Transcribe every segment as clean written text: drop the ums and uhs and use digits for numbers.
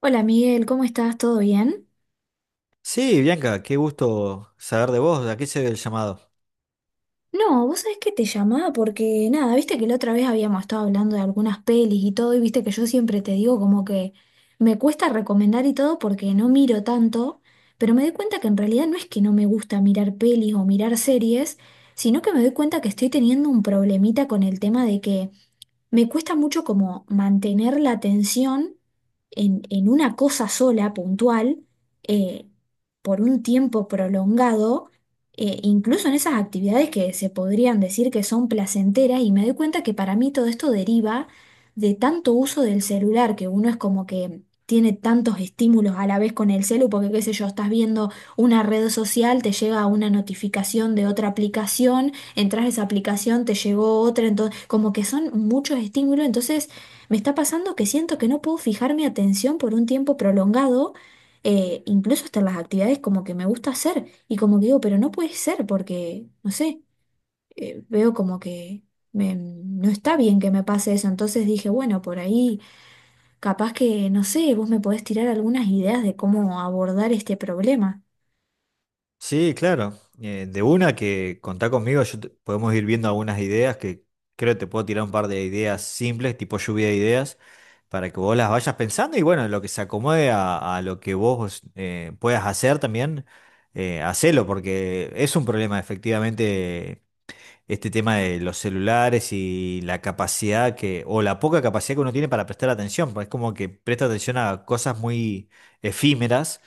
Hola Miguel, ¿cómo estás? ¿Todo bien? Sí, Bianca, qué gusto saber de vos, ¿a qué se debe el llamado? No, vos sabés que te llamaba porque nada, viste que la otra vez habíamos estado hablando de algunas pelis y todo, y viste que yo siempre te digo como que me cuesta recomendar y todo porque no miro tanto, pero me doy cuenta que en realidad no es que no me gusta mirar pelis o mirar series, sino que me doy cuenta que estoy teniendo un problemita con el tema de que me cuesta mucho como mantener la atención en una cosa sola, puntual, eh, por un tiempo prolongado, incluso en esas actividades que se podrían decir que son placenteras, y me doy cuenta que para mí todo esto deriva de tanto uso del celular, que uno es como que tiene tantos estímulos a la vez con el celu, porque qué sé yo, estás viendo una red social, te llega una notificación de otra aplicación, entras a esa aplicación, te llegó otra, entonces como que son muchos estímulos, entonces me está pasando que siento que no puedo fijar mi atención por un tiempo prolongado, incluso hasta en las actividades como que me gusta hacer, y como que digo, pero no puede ser porque, no sé, veo como que no está bien que me pase eso, entonces dije, bueno, por ahí capaz que, no sé, vos me podés tirar algunas ideas de cómo abordar este problema. Sí, claro, de una que contá conmigo, podemos ir viendo algunas ideas que creo que te puedo tirar un par de ideas simples, tipo lluvia de ideas, para que vos las vayas pensando y bueno, lo que se acomode a lo que vos puedas hacer también, hacelo, porque es un problema efectivamente este tema de los celulares y la capacidad que, o la poca capacidad que uno tiene para prestar atención, pues es como que presta atención a cosas muy efímeras,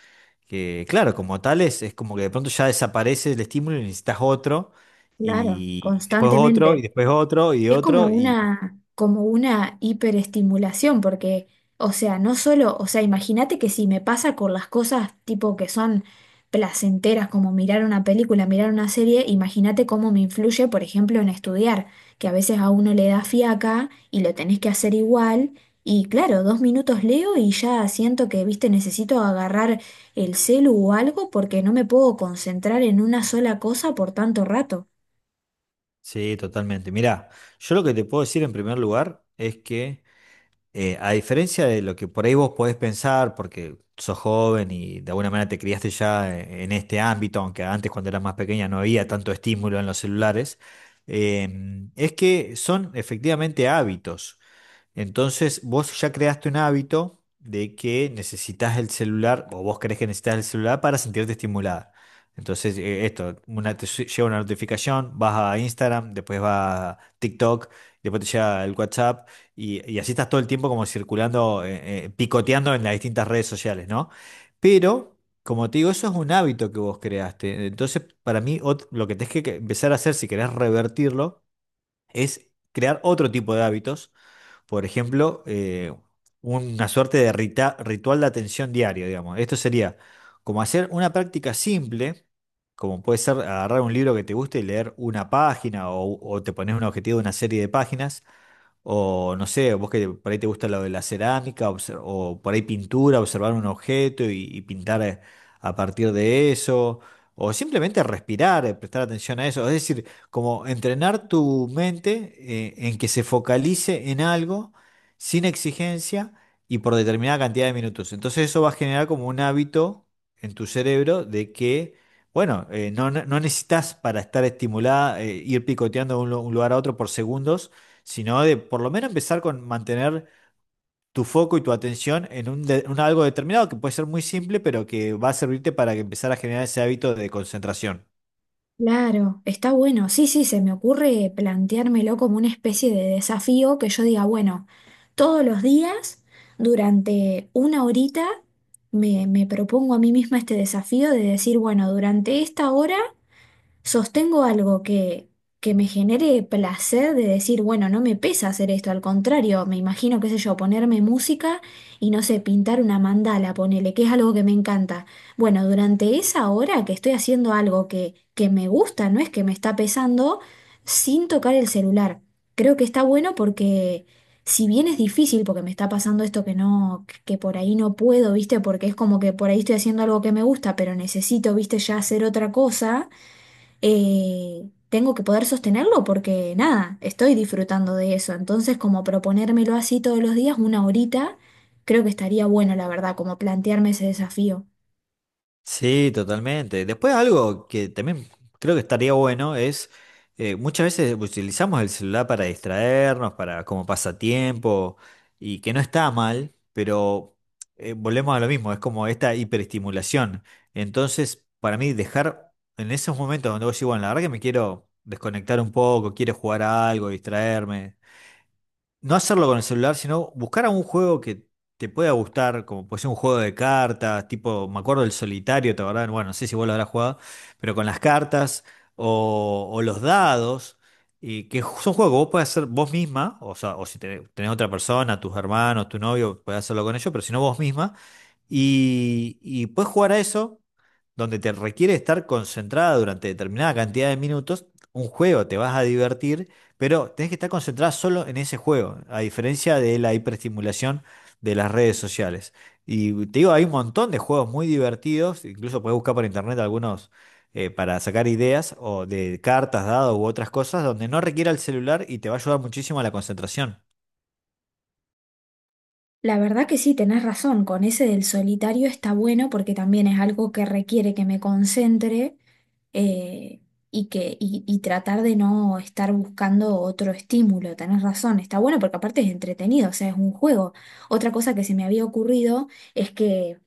que claro, como tales, es como que de pronto ya desaparece el estímulo y necesitas otro, Claro, y después otro, y constantemente. después otro, y Es otro, y como una hiperestimulación, porque, o sea, no solo, o sea, imagínate que si me pasa con las cosas tipo que son placenteras, como mirar una película, mirar una serie, imagínate cómo me influye, por ejemplo, en estudiar, que a veces a uno le da fiaca y lo tenés que hacer igual, y claro, 2 minutos leo y ya siento que, viste, necesito agarrar el celu o algo porque no me puedo concentrar en una sola cosa por tanto rato. sí, totalmente. Mirá, yo lo que te puedo decir en primer lugar es que... a diferencia de lo que por ahí vos podés pensar, porque sos joven y de alguna manera te criaste ya en este ámbito, aunque antes cuando eras más pequeña no había tanto estímulo en los celulares, eh, es que son efectivamente hábitos. Entonces, vos ya creaste un hábito de que necesitas el celular, o vos crees que necesitas el celular para sentirte estimulada. Entonces, esto, llega una notificación, vas a Instagram, después vas a TikTok, después te llega el WhatsApp, y así estás todo el tiempo como circulando, picoteando en las distintas redes sociales, ¿no? Pero, como te digo, eso es un hábito que vos creaste. Entonces, para mí, lo que tenés que empezar a hacer si querés revertirlo es crear otro tipo de hábitos, por ejemplo, una suerte de ritual de atención diario, digamos. Esto sería como hacer una práctica simple, como puede ser agarrar un libro que te guste y leer una página o te pones un objetivo de una serie de páginas o no sé, vos que por ahí te gusta lo de la cerámica, o por ahí pintura, observar un objeto y pintar a partir de eso, o simplemente respirar, prestar atención a eso. Es decir, como entrenar tu mente en que se focalice en algo sin exigencia y por determinada cantidad de minutos. Entonces eso va a generar como un hábito en tu cerebro de que, bueno, no, no necesitas para estar estimulada ir picoteando de un lugar a otro por segundos, sino de por lo menos empezar con mantener tu foco y tu atención en un algo determinado que puede ser muy simple, pero que va a servirte para que empezar a generar ese hábito de concentración. Claro, está bueno. Sí, sí, se me ocurre planteármelo como una especie de desafío que yo diga, bueno, todos los días, durante una horita, me propongo a mí misma este desafío de decir, bueno, durante esta hora sostengo algo que me genere placer de decir, bueno, no me pesa hacer esto, al contrario, me imagino, qué sé yo, ponerme música y no sé, pintar una mandala, ponele, que es algo que me encanta. Bueno, durante esa hora que estoy haciendo algo que me gusta, no es que me está pesando, sin tocar el celular. Creo que está bueno porque... Si bien es difícil, porque me está pasando esto que no, que por ahí no puedo, ¿viste? Porque es como que por ahí estoy haciendo algo que me gusta, pero necesito, ¿viste? Ya hacer otra cosa, tengo que poder sostenerlo porque nada, estoy disfrutando de eso. Entonces, como proponérmelo así todos los días, una horita, creo que estaría bueno, la verdad, como plantearme ese desafío. Sí, totalmente. Después algo que también creo que estaría bueno es, muchas veces utilizamos el celular para distraernos, para como pasatiempo, y que no está mal, pero volvemos a lo mismo, es como esta hiperestimulación. Entonces, para mí, dejar en esos momentos donde vos decís, bueno, la verdad que me quiero desconectar un poco, quiero jugar a algo, distraerme, no hacerlo con el celular, sino buscar algún juego que te pueda gustar, como puede ser un juego de cartas, tipo, me acuerdo del solitario, ¿te acordás? Bueno, no sé si vos lo habrás jugado, pero con las cartas o los dados, y que son juegos que vos podés hacer vos misma, o sea, o si tenés otra persona, tus hermanos, tu novio, podés hacerlo con ellos, pero si no vos misma, y podés jugar a eso, donde te requiere estar concentrada durante determinada cantidad de minutos, un juego, te vas a divertir, pero tenés que estar concentrada solo en ese juego, a diferencia de la hiperestimulación de las redes sociales. Y te digo, hay un montón de juegos muy divertidos, incluso puedes buscar por internet algunos para sacar ideas o de cartas, dados u otras cosas, donde no requiera el celular y te va a ayudar muchísimo a la concentración. La verdad que sí, tenés razón, con ese del solitario está bueno porque también es algo que requiere que me concentre, eh, y que, y tratar de no estar buscando otro estímulo. Tenés razón, está bueno porque aparte es entretenido, o sea, es un juego. Otra cosa que se me había ocurrido es que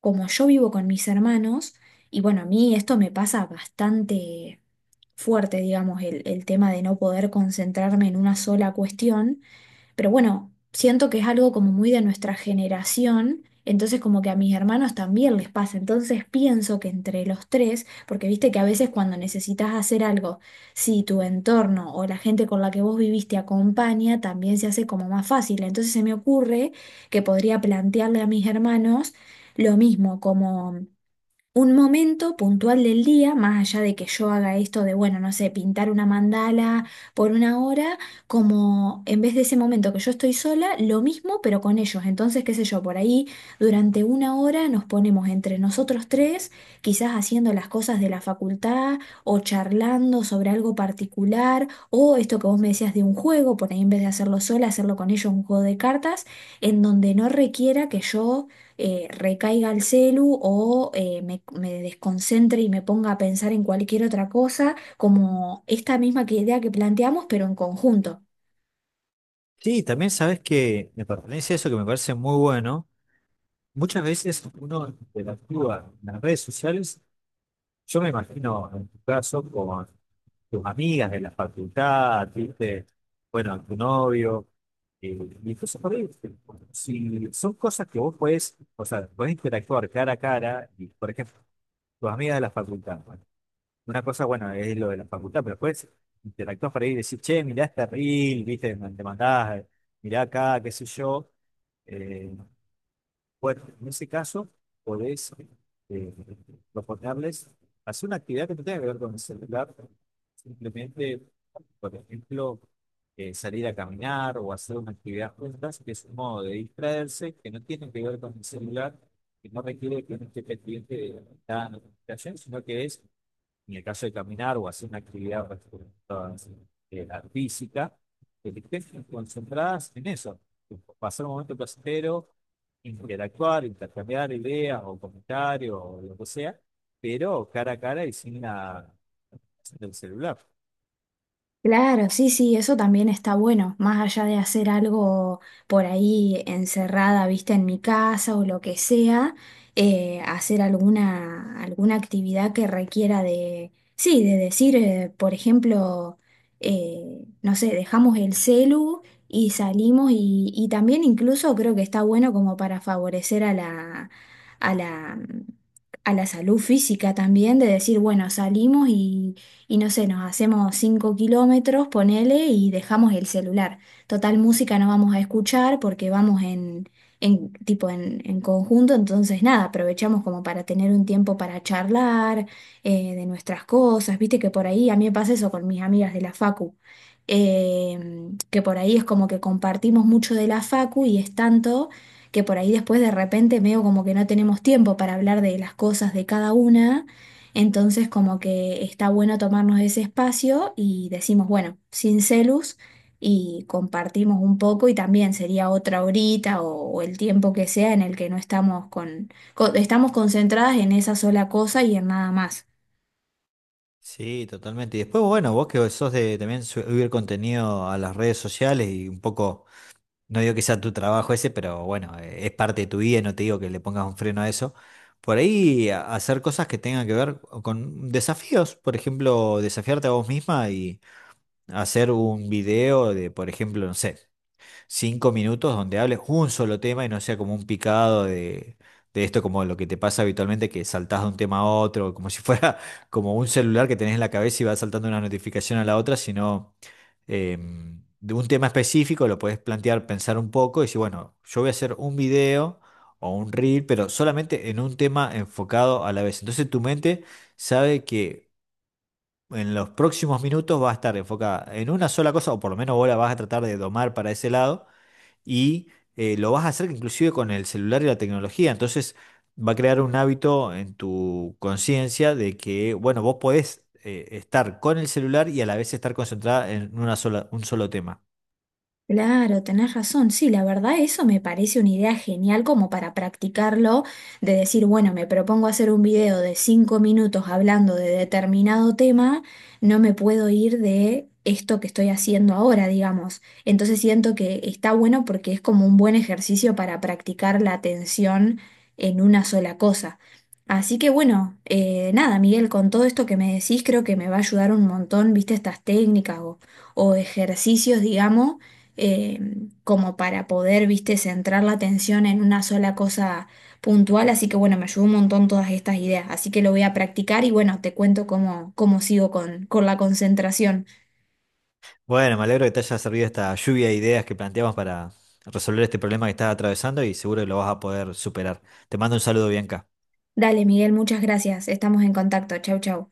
como yo vivo con mis hermanos, y bueno, a mí esto me pasa bastante fuerte, digamos, el tema de no poder concentrarme en una sola cuestión. Pero bueno, siento que es algo como muy de nuestra generación, entonces como que a mis hermanos también les pasa. Entonces pienso que entre los tres, porque viste que a veces cuando necesitas hacer algo, si tu entorno o la gente con la que vos viviste acompaña, también se hace como más fácil. Entonces se me ocurre que podría plantearle a mis hermanos lo mismo, como un momento puntual del día, más allá de que yo haga esto de, bueno, no sé, pintar una mandala por una hora, como en vez de ese momento que yo estoy sola, lo mismo, pero con ellos. Entonces, qué sé yo, por ahí durante una hora nos ponemos entre nosotros tres, quizás haciendo las cosas de la facultad o charlando sobre algo particular, o esto que vos me decías de un juego, por ahí en vez de hacerlo sola, hacerlo con ellos, un juego de cartas, en donde no requiera que yo, recaiga el celu o me desconcentre y me ponga a pensar en cualquier otra cosa, como esta misma que idea que planteamos, pero en conjunto. Sí, también sabes que me pertenece eso, que me parece muy bueno. Muchas veces uno interactúa en las redes sociales, yo me imagino en tu caso, con tus amigas de la facultad, ¿viste? Bueno, a tu novio, eh, y cosas por ahí. Si son cosas que vos podés, o sea, podés interactuar cara a cara, y por ejemplo, tus amigas de la facultad, bueno, una cosa, bueno, es lo de la facultad, pero después interactuás por ahí y decís, che, mirá este reel, ¿viste? Te mandás, mirá acá, qué sé yo. eh, bueno, en ese caso, podés eh, proponerles hacer una actividad que no tenga que ver con el celular, simplemente, por ejemplo, salir a caminar o hacer una actividad juntas, que es un modo de distraerse, que no tiene que ver con el celular, que no requiere que uno esté pendiente de la notificación, sino que es en el caso de caminar o hacer una actividad eh, física, que estén concentradas en eso, pasar un momento placentero, interactuar, intercambiar ideas o comentarios o lo que sea, pero cara a cara y sin el celular. Claro, sí, sí, eso también está bueno, más allá de hacer algo por ahí encerrada, viste, en mi casa o lo que sea, hacer alguna, alguna actividad que requiera de, sí, de decir, por ejemplo, no sé, dejamos el celu y salimos y también incluso creo que está bueno como para favorecer a a la, la salud física también, de decir, bueno, salimos y no sé, nos hacemos 5 kilómetros, ponele, y dejamos el celular. Total música no vamos a escuchar porque vamos en tipo en conjunto, entonces nada, aprovechamos como para tener un tiempo para charlar, de nuestras cosas, viste que por ahí, a mí me pasa eso con mis amigas de la facu. eh, que por ahí es como que compartimos mucho de la facu y es tanto que por ahí después de repente veo como que no tenemos tiempo para hablar de las cosas de cada una, entonces, como que está bueno tomarnos ese espacio y decimos, bueno, sin celus y compartimos un poco y también sería otra horita o el tiempo que sea en el que no estamos concentradas en esa sola cosa y en nada más. Sí, totalmente. Y después, bueno, vos que sos de también subir contenido a las redes sociales y un poco. No digo que sea tu trabajo ese, pero bueno, es parte de tu vida y no te digo que le pongas un freno a eso. Por ahí hacer cosas que tengan que ver con desafíos, por ejemplo, desafiarte a vos misma y hacer un video de, por ejemplo, no sé, 5 minutos donde hables un solo tema y no sea como un picado de esto, como lo que te pasa habitualmente, que saltás de un tema a otro, como si fuera como un celular que tenés en la cabeza y vas saltando una notificación a la otra, sino eh, de un tema específico lo podés plantear, pensar un poco y decir, bueno, yo voy a hacer un video o un reel, pero solamente en un tema enfocado a la vez. Entonces tu mente sabe que... En los próximos minutos va a estar enfocada en una sola cosa, o por lo menos vos la vas a tratar de domar para ese lado, y lo vas a hacer inclusive con el celular y la tecnología. Entonces va a crear un hábito en tu conciencia de que, bueno, vos podés estar con el celular y a la vez estar concentrada en un solo tema. Claro, tenés razón. Sí, la verdad eso me parece una idea genial como para practicarlo, de decir, bueno, me propongo hacer un video de 5 minutos hablando de determinado tema, no me puedo ir de esto que estoy haciendo ahora, digamos. Entonces siento que está bueno porque es como un buen ejercicio para practicar la atención en una sola cosa. Así que bueno, nada, Miguel, con todo esto que me decís, creo que me va a ayudar un montón, viste, estas técnicas o ejercicios, digamos, eh, como para poder, viste, centrar la atención en una sola cosa puntual. Así que bueno, me ayudó un montón todas estas ideas. Así que lo voy a practicar y bueno, te cuento cómo sigo con la concentración. Bueno, me alegro que te haya servido esta lluvia de ideas que planteamos para resolver este problema que estás atravesando y seguro que lo vas a poder superar. Te mando un saludo, Bianca. Dale, Miguel, muchas gracias. Estamos en contacto. Chau, chau.